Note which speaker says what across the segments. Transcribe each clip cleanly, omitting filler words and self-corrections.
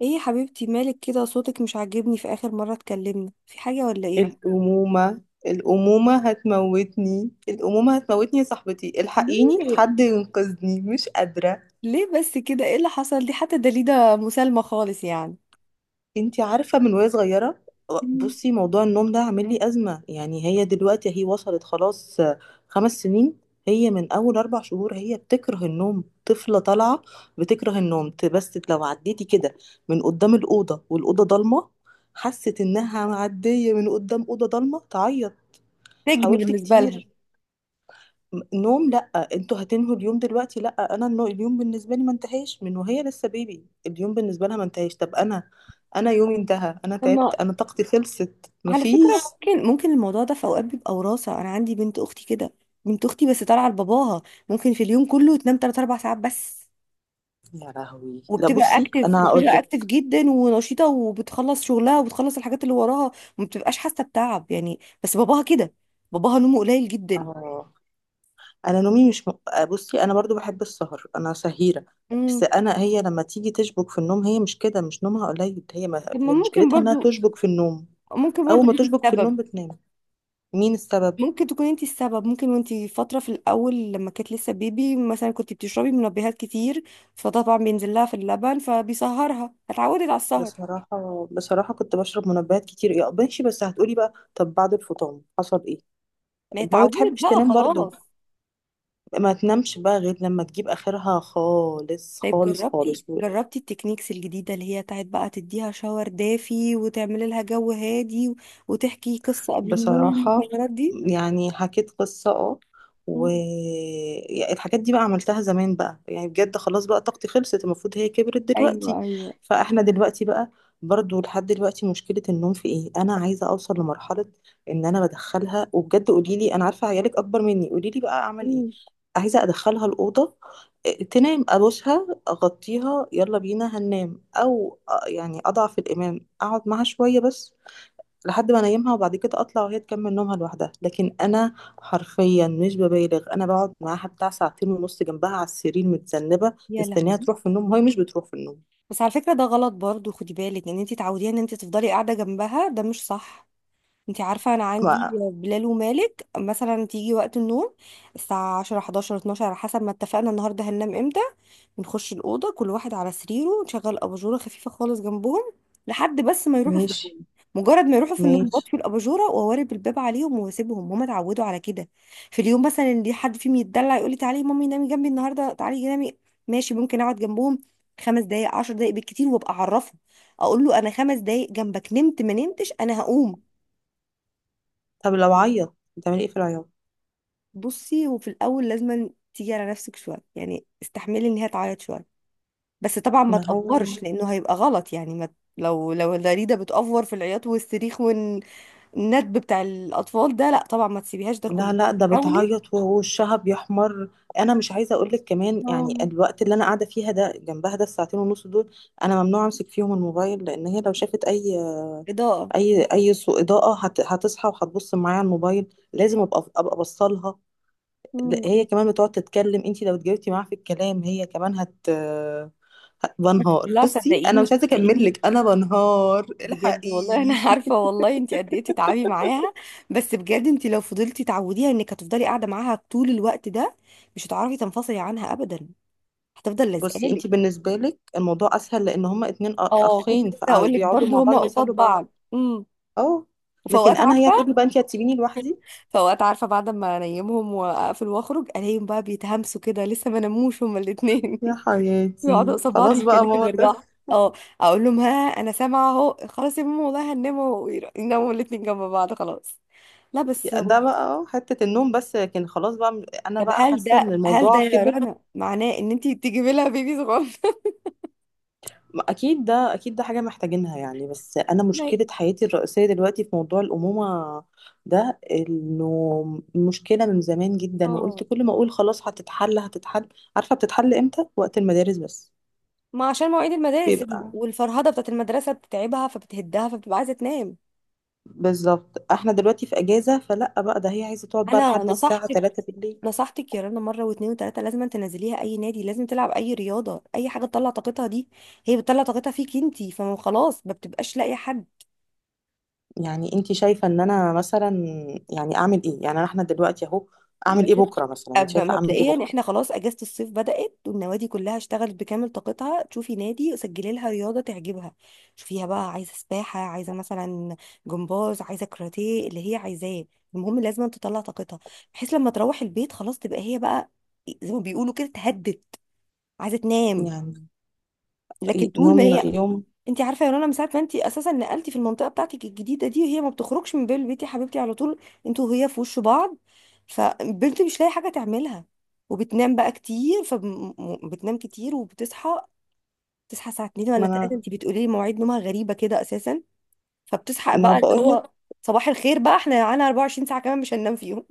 Speaker 1: ايه يا حبيبتي؟ مالك كده؟ صوتك مش عاجبني، في اخر مرة اتكلمنا في حاجة ولا ايه؟
Speaker 2: الأمومة. الأمومة هتموتني، الأمومة هتموتني يا صاحبتي، الحقيني
Speaker 1: ليه؟
Speaker 2: حد ينقذني، مش قادرة.
Speaker 1: ليه بس كده؟ ايه اللي حصل؟ دي حتى دليدة مسالمة خالص يعني.
Speaker 2: انتي عارفة من وهي صغيرة.
Speaker 1: مم.
Speaker 2: بصي، موضوع النوم ده عامل لي أزمة، يعني هي دلوقتي وصلت خلاص 5 سنين. هي من أول 4 شهور هي بتكره النوم، طفلة طالعة بتكره النوم. بس لو عديتي كده من قدام الأوضة والأوضة ضلمة، حست إنها معدية من قدام أوضة ضلمة، تعيط.
Speaker 1: سجن
Speaker 2: حاولت
Speaker 1: بالنسبة لها.
Speaker 2: كتير. نوم لا، انتوا هتنهوا اليوم دلوقتي؟ لا، اليوم بالنسبه لي ما انتهاش من وهي لسه بيبي، اليوم بالنسبه لها ما انتهاش، طب انا يومي انتهى، انا تعبت،
Speaker 1: اما،
Speaker 2: انا طاقتي خلصت،
Speaker 1: على فكرة،
Speaker 2: مفيش.
Speaker 1: ممكن الموضوع ده في اوقات بيبقى وراثة. انا عندي بنت اختي كده، بنت اختي بس طالعة لباباها. ممكن في اليوم كله تنام 3 4 ساعات بس.
Speaker 2: يا لهوي، لا
Speaker 1: وبتبقى
Speaker 2: بصي
Speaker 1: اكتف
Speaker 2: انا هقول
Speaker 1: وبتبقى اكتف
Speaker 2: لك.
Speaker 1: جدا ونشيطة، وبتخلص شغلها، وبتخلص الحاجات اللي وراها. وما بتبقاش حاسة بتعب يعني، بس باباها كده. باباها نومه قليل جدا.
Speaker 2: اه. انا نومي مش م... بصي انا برضو بحب السهر، انا سهيره. بس انا، هي لما تيجي تشبك في النوم، هي مش كده، مش نومها قليل، هي ما...
Speaker 1: طب ما
Speaker 2: هي
Speaker 1: ممكن
Speaker 2: مشكلتها انها
Speaker 1: برضو،
Speaker 2: تشبك في النوم، اول ما
Speaker 1: انت
Speaker 2: تشبك في
Speaker 1: السبب.
Speaker 2: النوم بتنام. مين السبب؟
Speaker 1: ممكن تكون انت السبب، ممكن. وانت فترة في الأول لما كانت لسه بيبي مثلا كنت بتشربي منبهات كتير. فطبعا بينزل لها في اللبن فبيسهرها، اتعودت على السهر.
Speaker 2: بصراحة بصراحة كنت بشرب منبهات كتير، يا ماشي، بس هتقولي بقى طب بعد الفطام حصل ايه؟
Speaker 1: ما هي
Speaker 2: ما
Speaker 1: اتعودت
Speaker 2: بتحبش
Speaker 1: بقى،
Speaker 2: تنام برضو،
Speaker 1: خلاص.
Speaker 2: ما تنامش بقى غير لما تجيب اخرها خالص
Speaker 1: طيب،
Speaker 2: خالص
Speaker 1: جربتي
Speaker 2: خالص.
Speaker 1: جربتي التكنيكس الجديدة اللي هي بتاعت بقى تديها شاور دافي وتعملي لها جو هادي وتحكي قصة قبل النوم
Speaker 2: بصراحة،
Speaker 1: والحوارات دي.
Speaker 2: يعني حكيت قصة، اه،
Speaker 1: مم.
Speaker 2: والحاجات دي بقى عملتها زمان بقى، يعني بجد خلاص بقى طاقتي خلصت، المفروض هي كبرت
Speaker 1: ايوه
Speaker 2: دلوقتي.
Speaker 1: ايوه.
Speaker 2: فاحنا دلوقتي بقى، برضو لحد دلوقتي مشكلة النوم في ايه؟ انا عايزة اوصل لمرحلة ان انا بدخلها، وبجد قولي لي، انا عارفة عيالك اكبر مني، قولي لي بقى اعمل ايه.
Speaker 1: مم.
Speaker 2: عايزة ادخلها الأوضة، إيه، تنام، ابوسها، اغطيها، يلا بينا هننام، او آه، يعني اضعف الامام، اقعد معاها شوية بس لحد ما انيمها، وبعد كده اطلع وهي تكمل نومها لوحدها. لكن انا حرفيا مش ببالغ، انا بقعد معاها بتاع ساعتين ونص جنبها على السرير، متذنبه،
Speaker 1: يا لهوي.
Speaker 2: مستنيها تروح في النوم وهي مش بتروح في النوم.
Speaker 1: بس على فكرة ده غلط برضو، خدي بالك ان انت تعوديها ان انت تفضلي قاعدة جنبها، ده مش صح. انت عارفة انا عندي
Speaker 2: ما
Speaker 1: بلال ومالك، مثلا تيجي وقت النوم، الساعة 10 11 12 على حسب ما اتفقنا النهاردة هننام امتى. نخش الأوضة، كل واحد على سريره، نشغل أباجورة خفيفة خالص جنبهم، لحد بس ما يروحوا في
Speaker 2: ماشي.
Speaker 1: النوم. مجرد ما يروحوا في النوم
Speaker 2: ماشي.
Speaker 1: بطفي الأباجورة وأوارب الباب عليهم وأسيبهم، هما اتعودوا على كده. في اليوم مثلا اللي حد فيهم يتدلع يقول لي تعالي يا مامي نامي جنبي النهاردة، تعالي نامي. ماشي، ممكن أقعد جنبهم خمس دقايق عشر دقايق بالكتير، وأبقى أعرفه، أقول له أنا خمس دقايق جنبك، نمت ما نمتش أنا هقوم.
Speaker 2: طب لو عيط بتعملي ايه في العياط؟
Speaker 1: بصي، وفي الأول لازم تيجي على نفسك شوية، يعني استحملي إن هي تعيط شوية. بس طبعا ما
Speaker 2: ما هو،
Speaker 1: تأفورش لأنه هيبقى غلط يعني، ما لو الداريدة بتأفور في العياط والصريخ والندب بتاع الأطفال ده، لا طبعا ما تسيبيهاش ده
Speaker 2: لا
Speaker 1: كله.
Speaker 2: لا، ده
Speaker 1: حاولي.
Speaker 2: بتعيط ووشها بيحمر. انا مش عايزه اقول لك كمان، يعني
Speaker 1: اه،
Speaker 2: الوقت اللي انا قاعده فيها ده جنبها ده، الساعتين ونص دول، انا ممنوع امسك فيهم الموبايل، لان هي لو شافت اي
Speaker 1: إضاءة.
Speaker 2: اي اي سوء اضاءه هتصحى وهتبص معايا على الموبايل، لازم ابقى بصلها. لا، هي
Speaker 1: مم.
Speaker 2: كمان بتقعد تتكلم، انت لو اتجاوبتي معاها في الكلام هي كمان
Speaker 1: بس
Speaker 2: بنهار.
Speaker 1: لا،
Speaker 2: بصي انا
Speaker 1: صدقيني،
Speaker 2: مش عايزه اكمل
Speaker 1: صدقيني
Speaker 2: لك، انا بنهار،
Speaker 1: بجد والله. انا
Speaker 2: الحقيني.
Speaker 1: عارفه والله انت قد ايه تتعبي معاها. بس بجد انت لو فضلتي تعوديها انك هتفضلي قاعده معاها طول الوقت ده، مش هتعرفي تنفصلي عنها ابدا. هتفضل
Speaker 2: بصي
Speaker 1: لازقالك.
Speaker 2: انت بالنسبه لك الموضوع اسهل لان هما اتنين
Speaker 1: اه، كنت
Speaker 2: اخين،
Speaker 1: لسه هقول لك
Speaker 2: فبيقعدوا مع
Speaker 1: برضه هما
Speaker 2: بعض،
Speaker 1: قصاد
Speaker 2: بيسلوا
Speaker 1: بعض.
Speaker 2: بعض.
Speaker 1: امم.
Speaker 2: اه،
Speaker 1: وفي اوقات،
Speaker 2: لكن انا هي
Speaker 1: عارفه،
Speaker 2: هتقولي بقى انت هتسيبيني لوحدي،
Speaker 1: فوقت عارفة بعد ما انيمهم واقفل واخرج الاقيهم بقى بيتهمسوا كده لسه ما ناموش هما الاتنين.
Speaker 2: يا
Speaker 1: بيقعدوا
Speaker 2: حياتي
Speaker 1: قصاد بعض
Speaker 2: خلاص بقى
Speaker 1: يتكلموا
Speaker 2: ماما.
Speaker 1: بيرجعوا. اه. اقول لهم ها انا سامعة اهو، خلاص يا ماما والله هنناموا، يناموا الاتنين جنب بعض، خلاص. لا بس
Speaker 2: ده بقى اه حتة النوم بس، لكن خلاص بقى انا
Speaker 1: طب،
Speaker 2: بقى
Speaker 1: هل
Speaker 2: حاسة ان
Speaker 1: ده هل ده
Speaker 2: الموضوع
Speaker 1: يا
Speaker 2: كبر.
Speaker 1: رنا معناه ان انتي تجيبي لها بيبي صغير؟
Speaker 2: ما اكيد ده، اكيد ده حاجة محتاجينها، يعني بس انا
Speaker 1: لا.
Speaker 2: مشكلة حياتي الرئيسية دلوقتي في موضوع الأمومة ده، انه مشكلة من زمان جدا، وقلت
Speaker 1: اه.
Speaker 2: كل ما اقول خلاص هتتحل هتتحل. عارفة بتتحل امتى؟ وقت المدارس بس.
Speaker 1: ما عشان مواعيد المدارس
Speaker 2: بيبقى
Speaker 1: والفرهدة بتاعت المدرسة بتتعبها فبتهدها فبتبقى عايزة تنام.
Speaker 2: بالظبط، احنا دلوقتي في اجازة فلا بقى، ده هي عايزة تقعد بقى
Speaker 1: انا
Speaker 2: لحد الساعة 3 بالليل.
Speaker 1: نصحتك يا رنا مره واتنين وتلاته، لازم تنزليها اي نادي، لازم تلعب اي رياضه، اي حاجه تطلع طاقتها دي. هي بتطلع طاقتها فيك انتي، فما خلاص ما بتبقاش لاقيه حد.
Speaker 2: يعني انت شايفة ان انا مثلا، يعني اعمل ايه؟ يعني احنا دلوقتي اهو، اعمل ايه
Speaker 1: لازم.
Speaker 2: بكرة مثلا؟ انت شايفة اعمل ايه
Speaker 1: مبدئيا
Speaker 2: بكرة؟
Speaker 1: احنا خلاص اجازه الصيف بدات والنوادي كلها اشتغلت بكامل طاقتها، تشوفي نادي سجلي لها رياضه تعجبها. شوفيها بقى، عايزه سباحه، عايزه مثلا جمباز، عايزه كاراتيه، اللي هي عايزاه. المهم لازم تطلع طاقتها، بحيث لما تروح البيت خلاص تبقى هي بقى زي ما بيقولوا كده اتهدت، عايزه تنام.
Speaker 2: يعني
Speaker 1: لكن
Speaker 2: إيه
Speaker 1: طول ما
Speaker 2: نوم
Speaker 1: هي،
Speaker 2: يوم؟
Speaker 1: انت عارفه يا رنا من ساعه ما انت اساسا نقلتي في المنطقه بتاعتك الجديده دي وهي ما بتخرجش من بين البيت يا حبيبتي على طول، انتوا وهي في وش بعض، فبنت مش لاقي حاجه تعملها، وبتنام بقى كتير، فبتنام كتير وبتصحى. تصحى الساعه 2 ولا
Speaker 2: ما
Speaker 1: 3،
Speaker 2: انا،
Speaker 1: انت بتقولي لي مواعيد نومها غريبه كده اساسا. فبتصحى
Speaker 2: ما
Speaker 1: بقى اللي
Speaker 2: بقولك.
Speaker 1: هو، صباح الخير بقى، احنا على 24 ساعه كمان مش هننام فيهم.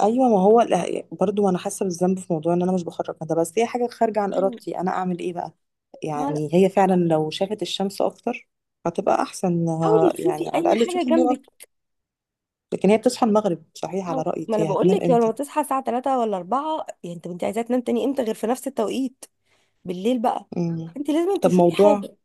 Speaker 2: ايوه، ما هو لا، برضو انا حاسة بالذنب في موضوع ان انا مش بخرج ده، بس هي حاجة خارجة عن ارادتي، انا اعمل ايه بقى. يعني هي فعلا لو شافت الشمس اكتر هتبقى احسن، إنها
Speaker 1: حاولي تشوفي
Speaker 2: يعني على
Speaker 1: اي
Speaker 2: الاقل
Speaker 1: حاجه
Speaker 2: تشوف النور
Speaker 1: جنبك.
Speaker 2: اكتر. لكن هي بتصحى المغرب، صحيح على
Speaker 1: ما
Speaker 2: رأيك
Speaker 1: انا
Speaker 2: هي
Speaker 1: بقول
Speaker 2: هتنام
Speaker 1: لك، لما
Speaker 2: امتى؟
Speaker 1: تصحى الساعه 3 ولا 4 يعني انت عايزه تنام تاني امتى غير في نفس التوقيت؟ بالليل بقى.
Speaker 2: مم.
Speaker 1: انت لازم
Speaker 2: طب
Speaker 1: تشوفي
Speaker 2: موضوع،
Speaker 1: حاجه.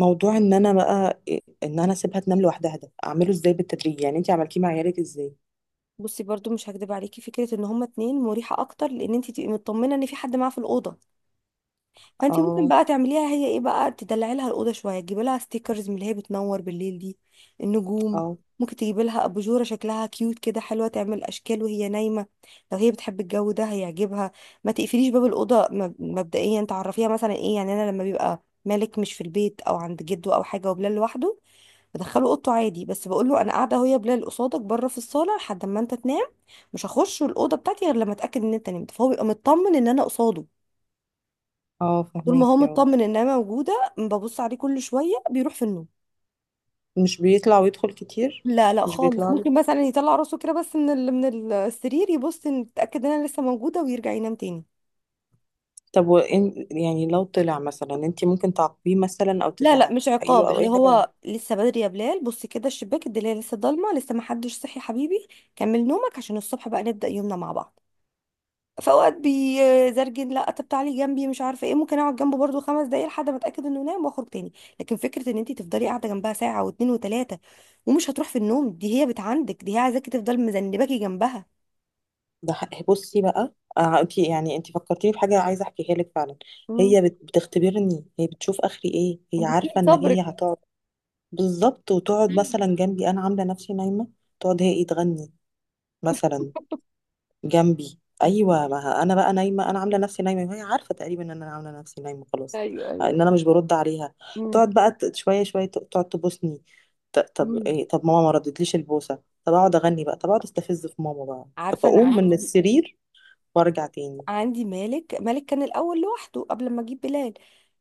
Speaker 2: موضوع ان انا بقى ان انا اسيبها تنام لوحدها، ده اعمله ازاي بالتدريج، يعني انتي عملتيه مع عيالك ازاي؟
Speaker 1: بصي، برضو مش هكدب عليكي فكره ان هما اتنين مريحه اكتر، لان انت تبقي مطمنه ان في حد معاه في الاوضه. فانت ممكن
Speaker 2: اه،
Speaker 1: بقى تعمليها، هي ايه بقى، تدلعي لها الاوضه شويه، تجيبي لها ستيكرز من اللي هي بتنور بالليل دي. النجوم.
Speaker 2: اه،
Speaker 1: ممكن تجيبي لها اباجوره شكلها كيوت كده، حلوه، تعمل اشكال وهي نايمه. لو هي بتحب الجو ده هيعجبها. ما تقفليش باب الاوضه. مبدئيا تعرفيها مثلا ايه يعني، انا لما بيبقى مالك مش في البيت او عند جده او حاجه وبلال لوحده، بدخله اوضته عادي، بس بقول له انا قاعده اهو يا بلال قصادك بره في الصاله لحد ما انت تنام. مش هخش الاوضه بتاعتي غير لما اتاكد ان انت نمت، فهو بيبقى مطمن ان انا قصاده.
Speaker 2: اه
Speaker 1: طول ما هو
Speaker 2: فهماكي، اه.
Speaker 1: مطمن ان انا موجوده، ببص عليه كل شويه بيروح في النوم.
Speaker 2: مش بيطلع ويدخل كتير؟
Speaker 1: لا، لا
Speaker 2: مش
Speaker 1: خالص.
Speaker 2: بيطلع لك؟
Speaker 1: ممكن مثلا يطلع راسه كده بس من من السرير يبص ان يتاكد ان انا لسه موجوده ويرجع ينام تاني.
Speaker 2: طب وإن يعني لو طلع مثلا، انتي ممكن تعاقبيه مثلا او
Speaker 1: لا، لا
Speaker 2: تزعقي
Speaker 1: مش
Speaker 2: له
Speaker 1: عقاب،
Speaker 2: او
Speaker 1: اللي
Speaker 2: اي حاجه؟
Speaker 1: هو لسه بدري يا بلال، بص كده الشباك، الدنيا لسه ضلمه، لسه ما حدش صحي يا حبيبي. كمل نومك عشان الصبح بقى نبدا يومنا مع بعض. فاوقات بيزرجن لا طب تعالي جنبي مش عارفه ايه، ممكن اقعد جنبه برضو خمس دقايق لحد ما اتاكد انه نام واخرج تاني. لكن فكره ان انت تفضلي قاعده جنبها ساعه واتنين وتلاته ومش هتروح في النوم، دي هي بت عندك، دي هي عايزاكي تفضل مذنباكي جنبها.
Speaker 2: بصي بقى، آه انتي يعني انتي فكرتيني بحاجه عايزه احكيها لك فعلا.
Speaker 1: مم.
Speaker 2: بتختبرني، هي بتشوف اخري ايه، هي
Speaker 1: وبتطير
Speaker 2: عارفه ان هي
Speaker 1: صبرك.
Speaker 2: هتقعد. بالظبط، وتقعد مثلا جنبي انا عامله نفسي نايمه، تقعد هي ايه، تغني مثلا جنبي. ايوه، ما ه- انا بقى نايمه، انا عامله نفسي نايمه، وهي عارفه تقريبا ان انا عامله نفسي نايمه، خلاص
Speaker 1: ايوه ايوه.
Speaker 2: ان انا مش برد عليها.
Speaker 1: مم.
Speaker 2: تقعد بقى شويه شويه، تقعد تبوسني، طب
Speaker 1: مم.
Speaker 2: ايه، طب ماما ما ردتليش البوسه، طب اقعد اغني بقى، طب اقعد استفز في ماما بقى. طب
Speaker 1: عارفه، انا
Speaker 2: اقوم من
Speaker 1: عندي،
Speaker 2: السرير وارجع تاني.
Speaker 1: مالك كان الاول لوحده قبل ما اجيب بلال.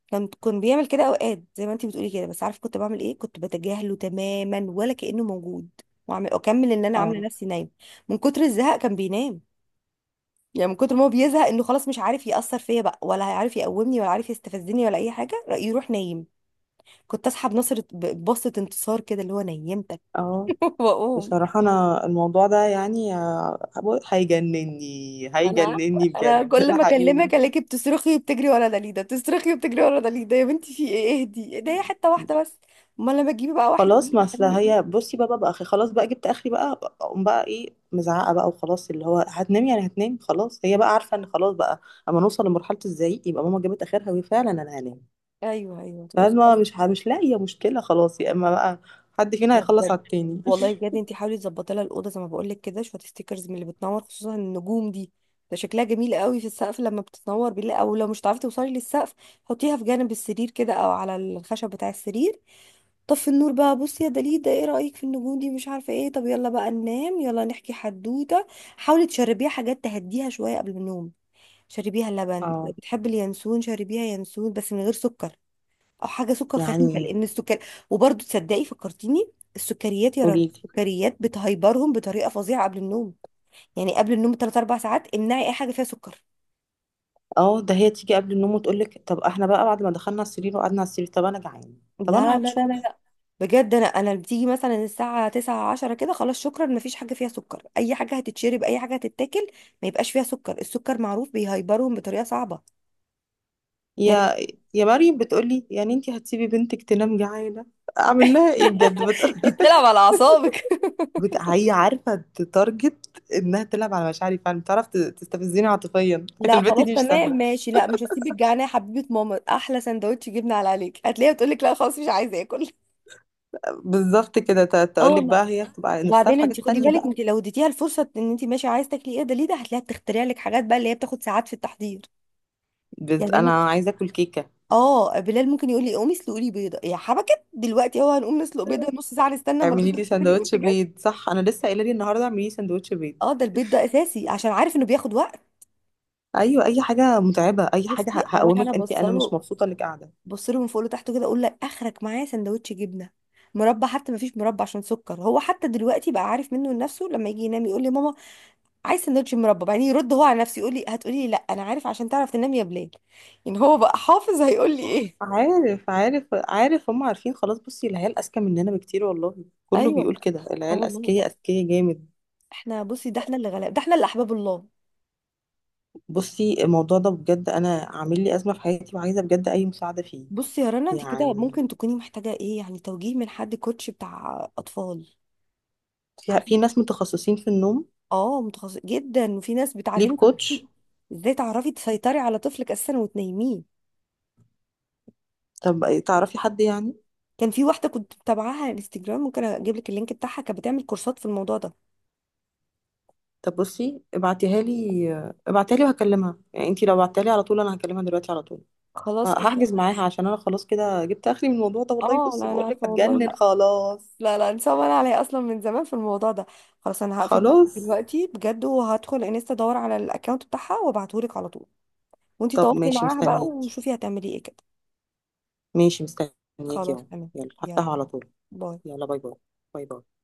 Speaker 1: كان بيعمل كده اوقات زي ما انت بتقولي كده، بس عارف كنت بعمل ايه؟ كنت بتجاهله تماما ولا كأنه موجود، واعمل اكمل ان انا عامله
Speaker 2: اه،
Speaker 1: نفسي نايمه. من كتر الزهق كان بينام. يعني من كتر ما هو بيزهق انه خلاص مش عارف يأثر فيا بقى ولا هيعرف يقومني ولا عارف يستفزني ولا اي حاجه رأي يروح نايم. كنت اسحب نصر، ببصه انتصار كده اللي هو نيمتك.
Speaker 2: اه.
Speaker 1: واقوم.
Speaker 2: بصراحه انا الموضوع ده يعني آه، هيجنني،
Speaker 1: انا عارفة.
Speaker 2: هيجنني
Speaker 1: انا
Speaker 2: بجد
Speaker 1: كل ما
Speaker 2: الحقيقي.
Speaker 1: اكلمك الاقيكي بتصرخي وبتجري ورا دليده، بتصرخي وبتجري ورا دليده. يا بنتي في ايه؟ اهدي، إيه ده، هي حته واحده بس. امال لما تجيبي بقى واحد
Speaker 2: خلاص،
Speaker 1: اتنين
Speaker 2: ما اصل
Speaker 1: هتعملي
Speaker 2: هي،
Speaker 1: ايه؟
Speaker 2: بصي بقى اخي، خلاص بقى جبت اخري بقى، اقوم بقى ايه مزعقه بقى، وخلاص اللي هو هتنام. يعني هتنام خلاص، هي بقى عارفه ان خلاص بقى اما نوصل لمرحله الزعيق يبقى ماما جابت اخرها، وهي فعلا انا هنام.
Speaker 1: ايوه ايوه تبقي
Speaker 2: فاهمه،
Speaker 1: خلاص.
Speaker 2: مش لاقيه مشكله، خلاص يا اما بقى حد فينا
Speaker 1: لا
Speaker 2: هيخلص
Speaker 1: بجد.
Speaker 2: على التاني.
Speaker 1: والله بجد، انتي حاولي تظبطي لها الاوضه زي ما بقول لك كده، شويه ستيكرز من اللي بتنور، خصوصا النجوم دي. ده شكلها جميل قوي في السقف لما بتتنور بالله، او لو مش هتعرفي توصلي للسقف، حطيها في جانب السرير كده او على الخشب بتاع السرير. طفي النور بقى، بصي يا دليل ده ايه رأيك في النجوم دي مش عارفة ايه، طب يلا بقى ننام، يلا نحكي حدوتة. حاولي تشربيها حاجات تهديها شوية قبل النوم. شربيها لبن، لو
Speaker 2: اه،
Speaker 1: بتحبي اليانسون شربيها ينسون، بس من غير سكر، او حاجة سكر خفيفة،
Speaker 2: يعني
Speaker 1: لان السكر، وبرضه تصدقي فكرتيني، السكريات يا رنا،
Speaker 2: قولي لي.
Speaker 1: السكريات بتهيبرهم بطريقة فظيعة قبل النوم. يعني قبل النوم بثلاث اربع ساعات امنعي اي حاجة فيها سكر.
Speaker 2: اه ده هي تيجي قبل النوم وتقول لك طب احنا بقى بعد ما دخلنا على السرير وقعدنا على السرير، طب انا جعانه، طب انا
Speaker 1: لا لا
Speaker 2: عطشانه.
Speaker 1: لا. بجد، انا بتيجي مثلا الساعه 9 10 كده، خلاص شكرا مفيش حاجه فيها سكر، اي حاجه هتتشرب اي حاجه هتتاكل ما يبقاش فيها سكر، السكر معروف بيهيبرهم بطريقه صعبه. يعني.
Speaker 2: يا، يا مريم بتقولي يعني انت هتسيبي بنتك تنام جعانه؟ اعمل لها ايه بجد؟
Speaker 1: دي بتلعب على اعصابك.
Speaker 2: هي عارفه تتارجت انها تلعب على مشاعري، فعلا بتعرف تستفزني عاطفيا.
Speaker 1: لا
Speaker 2: البت
Speaker 1: خلاص
Speaker 2: دي مش
Speaker 1: تمام
Speaker 2: سهله.
Speaker 1: ماشي، لا مش هسيبك جعانه يا حبيبه ماما، احلى سندوتش جبنه على عليك، هتلاقيها بتقول لك لا خلاص مش عايزه اكل.
Speaker 2: بالظبط كده،
Speaker 1: اه
Speaker 2: تقول لك
Speaker 1: والله.
Speaker 2: بقى هي بتبقى نفسها في
Speaker 1: وبعدين انت
Speaker 2: حاجات
Speaker 1: خدي
Speaker 2: تانية
Speaker 1: بالك،
Speaker 2: بقى.
Speaker 1: انت لو اديتيها الفرصه ان انت ماشي عايزه تاكلي ايه، ده ليه، ده هتلاقيها بتخترع لك حاجات بقى اللي هي بتاخد ساعات في التحضير. يعني انا،
Speaker 2: انا عايزه اكل كيكه،
Speaker 1: اه، بلال ممكن يقول لي قومي اسلقي لي بيضه يا حبكت دلوقتي، اهو هنقوم نسلق بيضه نص ساعه نستنى اما
Speaker 2: اعملي
Speaker 1: البيضه
Speaker 2: لي
Speaker 1: تتسلق
Speaker 2: سندوتش
Speaker 1: وتجهز.
Speaker 2: بيض. صح، انا لسه قايله لي النهارده اعملي لي سندوتش بيض.
Speaker 1: اه، ده البيض ده اساسي عشان عارف انه بياخد وقت.
Speaker 2: ايوه، اي حاجه متعبه، اي
Speaker 1: بصي،
Speaker 2: حاجه
Speaker 1: اروح انا
Speaker 2: هقومك، انت انا مش
Speaker 1: بصله،
Speaker 2: مبسوطه انك قاعده.
Speaker 1: بصله من فوق لتحت كده، اقول لك اخرك معايا سندوتش جبنه، مربى، حتى ما فيش مربى عشان سكر، هو حتى دلوقتي بقى عارف منه لنفسه، لما يجي ينام يقول لي ماما عايز سندوتش مربى، بعدين يرد هو على نفسه يقول لي هتقولي لي لا، انا عارف عشان تعرف تنام يا بلال. يعني هو بقى حافظ هيقول لي ايه.
Speaker 2: عارف، عارف، عارف، هم عارفين خلاص، بصي العيال اذكى مننا بكتير، والله كله
Speaker 1: ايوه.
Speaker 2: بيقول كده،
Speaker 1: اه
Speaker 2: العيال
Speaker 1: والله.
Speaker 2: اذكياء اذكياء جامد.
Speaker 1: احنا، بصي ده احنا اللي غلاب، ده احنا اللي احباب الله.
Speaker 2: بصي الموضوع ده بجد انا عامل لي ازمه في حياتي، وعايزه بجد اي مساعده فيه.
Speaker 1: بصي يا رنا، انت كده
Speaker 2: يعني
Speaker 1: ممكن تكوني محتاجه ايه يعني، توجيه من حد كوتش بتاع اطفال.
Speaker 2: في
Speaker 1: عارفه.
Speaker 2: ناس متخصصين في النوم،
Speaker 1: اه، متخصص جدا، وفي ناس
Speaker 2: ليب
Speaker 1: بتعلمك
Speaker 2: كوتش.
Speaker 1: ازاي تعرفي تسيطري على طفلك اساسا وتنيميه.
Speaker 2: طب تعرفي حد يعني؟
Speaker 1: كان في واحده كنت متابعاها على الانستجرام، ممكن اجيب لك اللينك بتاعها، كانت بتعمل كورسات في الموضوع ده.
Speaker 2: طب بصي ابعتيها لي، ابعتيها لي وهكلمها، يعني انتي لو بعتيها لي على طول انا هكلمها دلوقتي على طول.
Speaker 1: خلاص إيه.
Speaker 2: هحجز معاها، عشان انا خلاص كده جبت اخري من الموضوع ده، والله
Speaker 1: اه
Speaker 2: بصي
Speaker 1: لا، انا
Speaker 2: بقول لك
Speaker 1: عارفه والله
Speaker 2: هتجنن
Speaker 1: لا.
Speaker 2: خلاص.
Speaker 1: لا لا، انسان انا عليا اصلا من زمان في الموضوع ده. خلاص انا هقفل معاكي
Speaker 2: خلاص.
Speaker 1: دلوقتي بجد، وهدخل انستا ادور على الاكونت بتاعها وابعته لك على طول. وانتي
Speaker 2: طب
Speaker 1: تواصلي
Speaker 2: ماشي،
Speaker 1: معاها بقى
Speaker 2: مستنياكي.
Speaker 1: وشوفي هتعملي ايه كده.
Speaker 2: ماشي مستنياكي
Speaker 1: خلاص
Speaker 2: اهو.
Speaker 1: تمام.
Speaker 2: يلا
Speaker 1: يلا،
Speaker 2: هفتحه على طول.
Speaker 1: باي.
Speaker 2: يلا باي باي. باي باي.